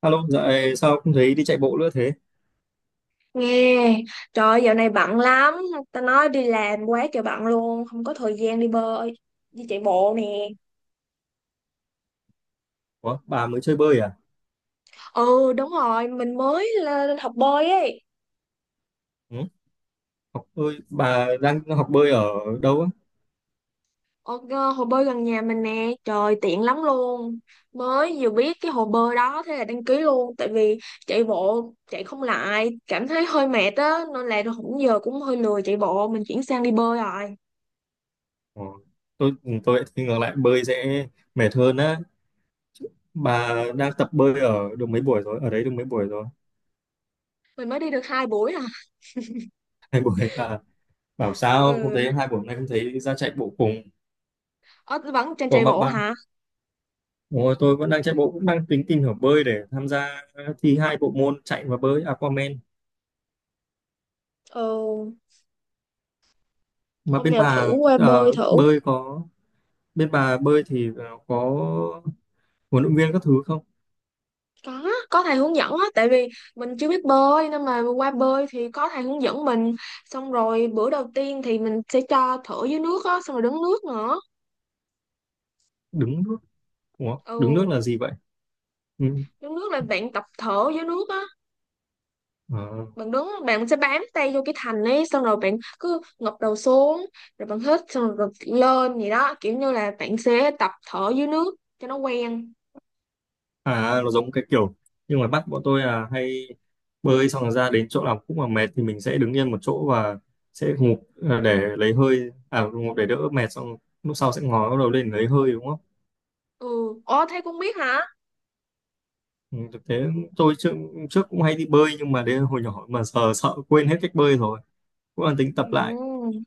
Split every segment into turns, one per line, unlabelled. Alo, dạo này sao không thấy đi chạy bộ nữa thế?
Nghe, trời ơi, dạo này bận lắm, ta nói đi làm quá trời bận luôn, không có thời gian đi bơi, đi chạy bộ nè.
Ủa, bà mới chơi bơi à?
Ừ, đúng rồi, mình mới lên học bơi ấy.
Ừ? Học bơi, bà đang học bơi ở đâu á?
Hồ bơi gần nhà mình nè, trời tiện lắm luôn. Mới vừa biết cái hồ bơi đó thế là đăng ký luôn, tại vì chạy bộ chạy không lại, cảm thấy hơi mệt á, nên là cũng giờ cũng hơi lười chạy bộ, mình chuyển sang đi bơi rồi.
Ủa, tôi lại thì ngược lại bơi sẽ mệt hơn á. Bà đang tập bơi ở được mấy buổi rồi? Ở đấy được mấy buổi rồi?
Mình mới đi được hai buổi à.
2 buổi à? Bảo sao không
Ừ.
thấy 2 buổi hôm nay không thấy ra chạy bộ cùng?
Ờ, Vẫn trên
Ủa
chạy
mà
bộ
bạn,
hả?
Ủa, Tôi vẫn đang chạy bộ cũng đang tính tìm hiểu bơi để tham gia thi hai bộ môn chạy và bơi Aquaman.
Ừ.
Mà
Hôm
bên
nào thử
bà
qua bơi
ờ,
thử.
bơi có bên bà bơi thì có huấn luyện viên các thứ không?
Có có thầy hướng dẫn á, tại vì mình chưa biết bơi nên mà qua bơi thì có thầy hướng dẫn mình, xong rồi bữa đầu tiên thì mình sẽ cho thở dưới nước á, xong rồi đứng nước nữa.
Đứng nước? Ủa, đứng nước
Ừ,
là gì vậy? Ừ.
đứng nước là bạn tập thở dưới nước á,
à,
bạn đứng bạn sẽ bám tay vô cái thành ấy, xong rồi bạn cứ ngập đầu xuống rồi bạn hít xong rồi lên gì đó, kiểu như là bạn sẽ tập thở dưới nước cho nó quen.
à, nó giống cái kiểu, nhưng mà bắt bọn tôi là hay bơi xong rồi ra đến chỗ nào cũng mà mệt thì mình sẽ đứng yên một chỗ và sẽ ngụp để lấy hơi ngụp để đỡ mệt, xong lúc sau sẽ ngó đầu lên lấy hơi, đúng không?
Ừ. Ồ thế cũng biết hả.
Ừ, thực tế tôi trước cũng hay đi bơi nhưng mà đến hồi nhỏ mà giờ sợ quên hết cách bơi rồi, cũng đang tính tập lại.
Ừ,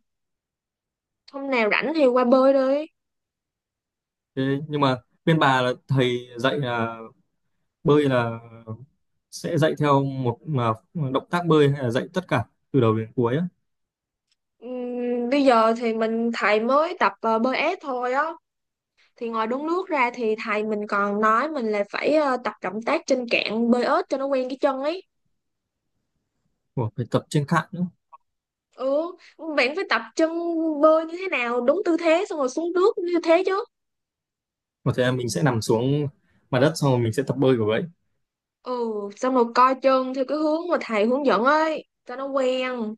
hôm nào rảnh thì qua bơi đi.
Thế nhưng mà bên bà là thầy dạy là bơi là sẽ dạy theo một mà động tác bơi hay là dạy tất cả từ đầu đến cuối á?
Bây giờ thì mình thầy mới tập bơi ép thôi á, thì ngoài đúng nước ra thì thầy mình còn nói mình là phải tập động tác trên cạn bơi ếch cho nó quen cái chân ấy.
Ủa, phải tập trên cạn nữa?
Ừ, bạn phải tập chân bơi như thế nào đúng tư thế xong rồi xuống nước như thế chứ.
Có thể là mình sẽ nằm xuống mặt đất xong rồi mình sẽ tập bơi của vậy.
Ừ, xong rồi coi chân theo cái hướng mà thầy hướng dẫn ấy cho nó quen.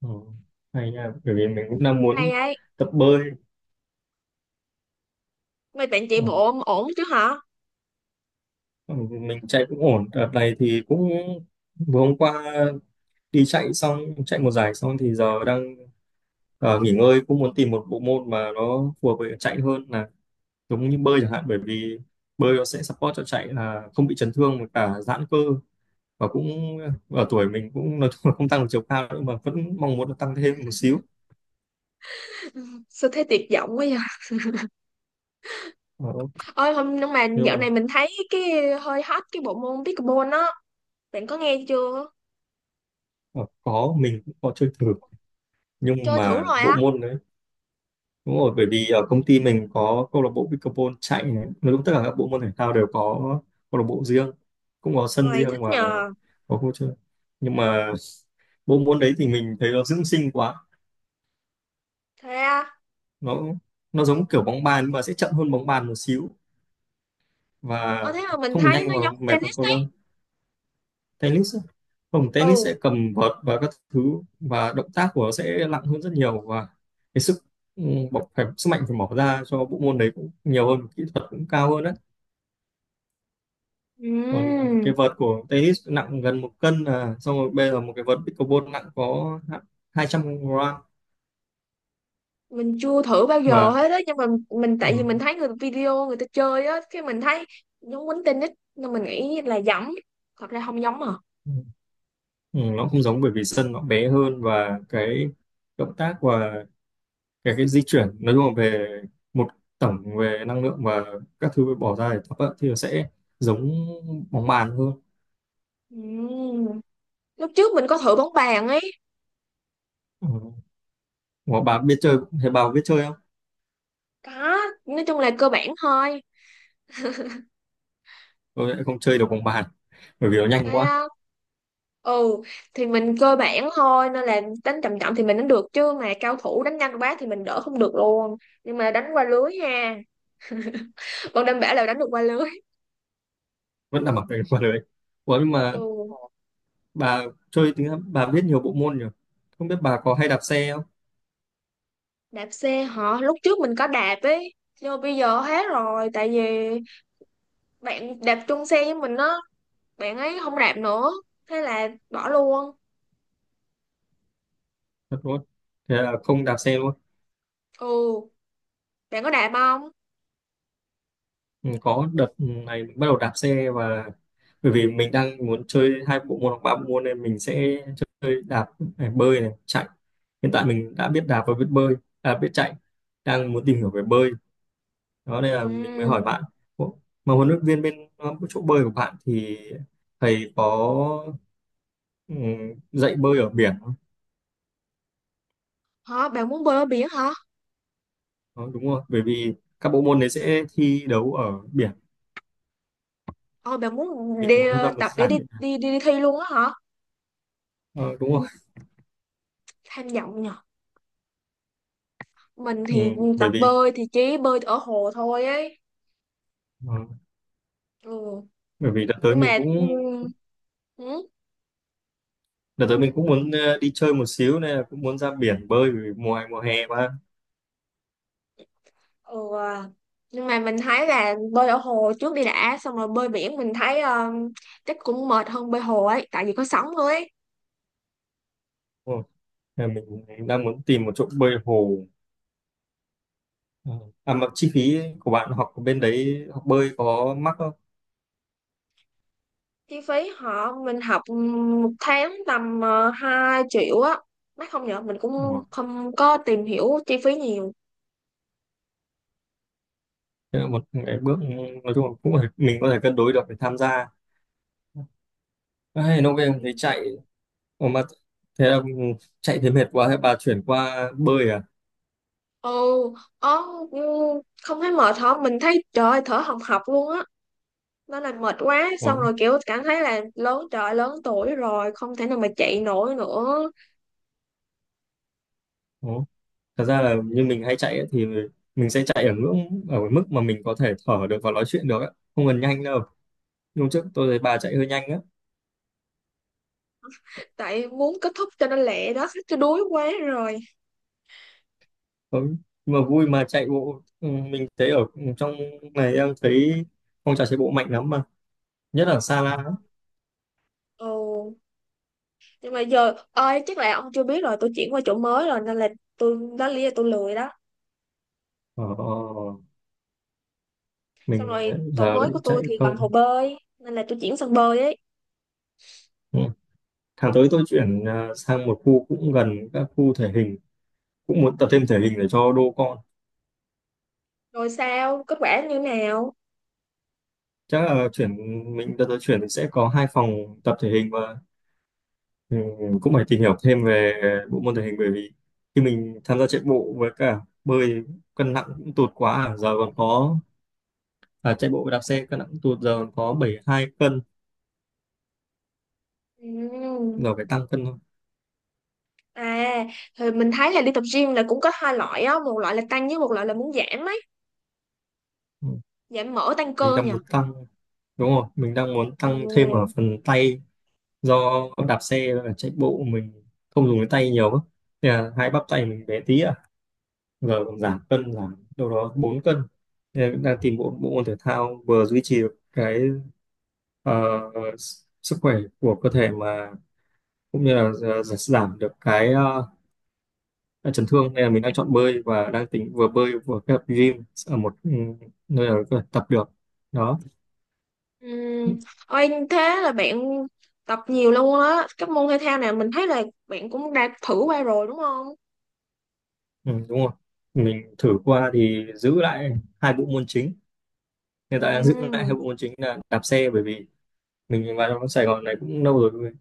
Ừ. Hay nha, bởi vì mình cũng đang
Cũng hay
muốn
ấy,
tập bơi.
mấy bạn chạy
Ờ.
bộ ổn ổn chứ hả?
Ừ, mình chạy cũng ổn, đợt này thì cũng vừa hôm qua đi chạy xong, chạy một giải xong thì giờ đang nghỉ ngơi, cũng muốn tìm một bộ môn mà nó phù hợp với chạy hơn, là giống như bơi chẳng hạn, bởi vì bơi nó sẽ support cho chạy là không bị chấn thương và cả giãn cơ, và cũng ở tuổi mình cũng nói chung là không tăng được chiều cao nữa mà vẫn mong muốn là tăng thêm một xíu.
Sao thấy tuyệt vọng quá vậy.
Ờ,
Ôi hôm, nhưng mà
nhưng
dạo
mà
này mình thấy cái hơi hot cái bộ môn pickleball á, bạn có nghe chưa?
ờ, có, mình cũng có chơi thử nhưng
Chơi thử
mà
rồi
bộ
á?
môn đấy, đúng rồi, bởi vì ở công ty mình có câu lạc bộ pickleball, chạy này, nói chung tất cả các bộ môn thể thao đều có câu lạc bộ riêng, cũng có sân
Rồi
riêng
thích
và
nhờ.
có khu chơi, nhưng mà bộ môn đấy thì mình thấy nó dưỡng sinh quá,
Thế á?
nó nó giống kiểu bóng bàn nhưng mà sẽ chậm hơn bóng bàn một xíu, và
Ờ thế mà mình
không được
thấy
nhanh
nó
và
giống
mệt bằng
tennis
cầu
đấy.
lông, tennis á. Không, tennis
Ừ.
sẽ cầm vợt và các thứ, và động tác của nó sẽ nặng hơn rất nhiều, và cái sức ừ, bỏ phải sức mạnh phải bỏ ra cho bộ môn đấy cũng nhiều hơn, kỹ thuật cũng cao hơn đấy. Còn
Ừm,
cái vợt của tennis nặng gần 1 cân à, xong rồi bây giờ một cái vợt pickleball nặng có 200 gram.
mình chưa thử bao giờ
Và
hết á, nhưng mà tại
ừ,
vì mình thấy người video người ta chơi á, cái mình thấy giống quýnh tennis nên mình nghĩ là giống, thật ra không giống à.
ừ, nó không giống bởi vì sân nó bé hơn, và cái động tác và cái di chuyển nói chung là về một tổng về năng lượng và các thứ bỏ ra để tập á, thì nó sẽ giống bóng bàn hơn.
Ừm, Lúc trước mình có thử bóng bàn ấy.
Ừ. Mà bà biết chơi thế bà có biết chơi không?
Có, nói chung là cơ bản thôi.
Tôi lại không chơi được bóng bàn bởi vì nó nhanh
Thấy
quá.
không. Ừ, thì mình cơ bản thôi nên là đánh chậm chậm thì mình đánh được, chứ mà cao thủ đánh nhanh quá thì mình đỡ không được luôn. Nhưng mà đánh qua lưới ha, còn đảm bảo là đánh được qua lưới.
Vẫn là mặc cái quần đấy. Ủa nhưng mà
Ừ.
bà chơi thì bà biết nhiều bộ môn nhỉ, không biết bà có hay đạp xe không?
Đạp xe hả, lúc trước mình có đạp ấy, nhưng mà bây giờ hết rồi tại vì bạn đạp chung xe với mình á, bạn ấy không đạp nữa, thế là bỏ luôn.
Thật luôn? Thế là không đạp xe luôn?
Ừ, bạn có đạp không?
Ừ, có, đợt này mình bắt đầu đạp xe, và bởi vì mình đang muốn chơi hai bộ môn hoặc ba bộ môn nên mình sẽ chơi đạp này, bơi này, chạy. Hiện tại mình đã biết đạp và biết bơi, à, biết chạy, đang muốn tìm hiểu về bơi đó nên là mình mới hỏi
Ừ.
bạn. Ủa, mà huấn luyện viên bên chỗ bơi của bạn thì thầy có ừ, dạy bơi ở biển không?
Hả, bạn muốn bơi ở biển hả?
Đó, đúng không, bởi vì các bộ môn đấy sẽ thi đấu ở biển,
Ờ bạn muốn đi
mình muốn tham gia một
tập để
giải.
đi thi luôn á hả?
Ờ, đúng không?
Tham vọng nhỉ. Mình
Ừ,
thì tập
bởi vì
bơi thì chỉ bơi ở hồ thôi ấy.
ờ,
Ừ,
bởi vì đã tới
nhưng
mình
mà, ừ,
cũng
ừ,
Đợt tới mình cũng muốn đi chơi một xíu, nên là cũng muốn ra biển bơi, vì mùa mùa hè mà.
ừ. À. Nhưng mà mình thấy là bơi ở hồ trước đi đã, xong rồi bơi biển mình thấy chắc cũng mệt hơn bơi hồ ấy tại vì có sóng thôi ấy.
Đúng không? Nên mình đang muốn tìm một chỗ bơi hồ. Ờ. À mà chi phí của bạn học ở bên đấy học bơi có mắc không?
Chi phí mình học, một tháng tầm 2 triệu á, mắc không nhở, mình
Đúng
cũng
không?
không có tìm hiểu chi phí nhiều.
Thế là một cái bước, nói chung là cũng phải, mình có thể cân đối được để tham gia. Ai, nó về
Ừ.
thấy chạy. Ủa mà, thế là chạy thấy mệt quá thế bà chuyển qua bơi à?
Ừ, ờ, ừ, không thấy mệt hả, mình thấy trời ơi, thở hồng hộc luôn á, nó làm mệt quá, xong
Ủa?
rồi kiểu cảm thấy là lớn tuổi rồi không thể nào mà chạy nổi nữa.
Ủa? Thật ra là như mình hay chạy ấy, thì mình sẽ chạy ở ngưỡng ở cái mức mà mình có thể thở được và nói chuyện được ấy. Không cần nhanh đâu, hôm trước tôi thấy bà chạy hơi nhanh á.
Tại muốn kết thúc cho nó lẹ đó chứ đuối quá rồi.
Ờ, mà vui mà chạy bộ, mình thấy ở trong này em thấy phong trào chạy bộ mạnh lắm mà, nhất là Sa La.
Ồ, nhưng mà giờ ơi chắc là ông chưa biết rồi, tôi chuyển qua chỗ mới rồi nên là đó là lý do tôi lười đó.
Ờ,
Xong
mình
rồi chỗ
giờ
mới
lại
của tôi
chạy
thì gần hồ
không.
bơi nên là tôi chuyển sang bơi ấy.
Ừ. Tháng tới tôi chuyển sang một khu cũng gần các khu thể hình, cũng muốn tập thêm thể hình để cho đô con.
Rồi sao kết quả như nào?
Chắc là chuyển Mình đợt tới chuyển mình sẽ có hai phòng tập thể hình và ừ, cũng phải tìm hiểu thêm về bộ môn thể hình, bởi vì khi mình tham gia chạy bộ với cả bơi cân nặng cũng tụt quá. À, giờ còn có, à, chạy bộ và đạp xe cân nặng tuột giờ có 72 cân.
Ừm.
Giờ phải tăng cân thôi.
À thì mình thấy là đi tập gym là cũng có hai loại á, một loại là tăng với một loại là muốn giảm ấy,
Ừ.
giảm mỡ tăng
mình
cơ
đang
nhỉ.
muốn tăng Đúng rồi, mình đang muốn tăng thêm ở
Ừ.
phần tay, do đạp xe và chạy bộ mình không dùng cái tay nhiều á. Thế là hai bắp tay mình bé tí à, giờ còn giảm cân, giảm đâu đó 4 cân. Thế là đang tìm bộ bộ môn thể thao vừa duy trì được cái ờ, sức khỏe của cơ thể, mà cũng như là giảm được cái chấn thương, nên là mình đang chọn bơi và đang tính vừa bơi vừa kết hợp gym ở một nơi nào đó có thể tập được đó.
Ừm. Ôi, thế là bạn tập nhiều luôn á. Các môn thể thao nào mình thấy là bạn cũng đã thử qua rồi đúng không?
Ừ, đúng rồi, mình thử qua thì giữ lại hai bộ môn chính, hiện tại đang giữ lại hai
Ừm.
bộ môn chính là đạp xe, bởi vì mình vào trong Sài Gòn này cũng lâu rồi,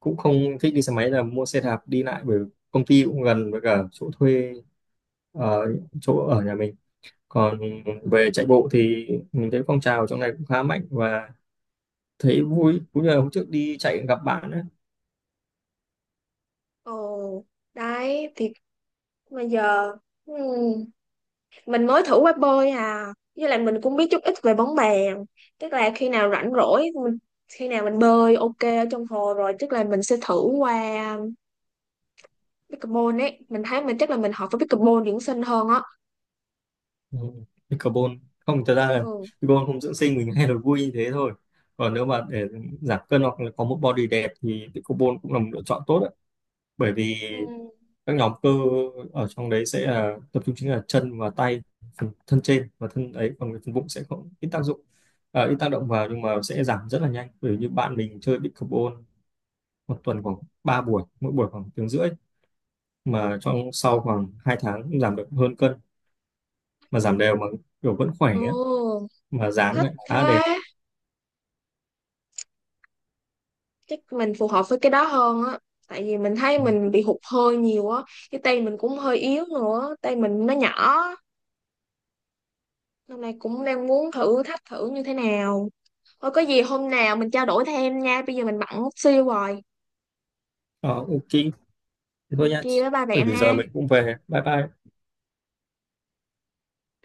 cũng không thích đi xe máy là mua xe đạp đi lại, bởi công ty cũng gần với cả chỗ thuê ở, chỗ ở nhà mình. Còn về chạy bộ thì mình thấy phong trào trong này cũng khá mạnh và thấy vui, cũng như là hôm trước đi chạy gặp bạn ấy.
Ồ, đấy thì bây giờ, ừm, mình mới thử qua bơi à. Với lại mình cũng biết chút ít về bóng bàn. Tức là khi nào rảnh rỗi mình, khi nào mình bơi ok ở trong hồ rồi tức là mình sẽ thử qua pickleball ấy, mình thấy mình chắc là mình hợp với pickleball dưỡng sinh hơn á.
Ừ, cái carbon không, thật ra là
Ừ,
carbon không dưỡng sinh mình hay là vui như thế thôi, còn nếu mà để giảm cân hoặc là có một body đẹp thì cái carbon cũng là một lựa chọn tốt đấy, bởi vì
ừ,
các nhóm cơ ở trong đấy sẽ là tập trung chính là chân và tay, phần thân trên và thân ấy, còn cái phần bụng sẽ không, ít tác dụng, à, ít tác động vào, nhưng mà sẽ giảm rất là nhanh, bởi vì như bạn mình chơi big carbon 1 tuần khoảng 3 buổi, mỗi buổi khoảng tiếng rưỡi, mà trong sau khoảng 2 tháng cũng giảm được hơn cân, mà giảm đều mà kiểu vẫn khỏe ấy,
ừ,
mà dáng
thích
lại khá
thế.
đẹp.
Chắc mình phù hợp với cái đó hơn á, tại vì mình thấy
Ừ.
mình bị hụt hơi nhiều á, cái tay mình cũng hơi yếu nữa, tay mình nó nhỏ. Hôm nay cũng đang muốn thử thách thử như thế nào. Thôi có gì hôm nào mình trao đổi thêm nha, bây giờ mình bận xíu rồi.
Ờ, ok. Thế thôi
Ok
nha.
bye bye
Bởi
bạn
vì giờ
ha.
mình cũng về. Bye bye.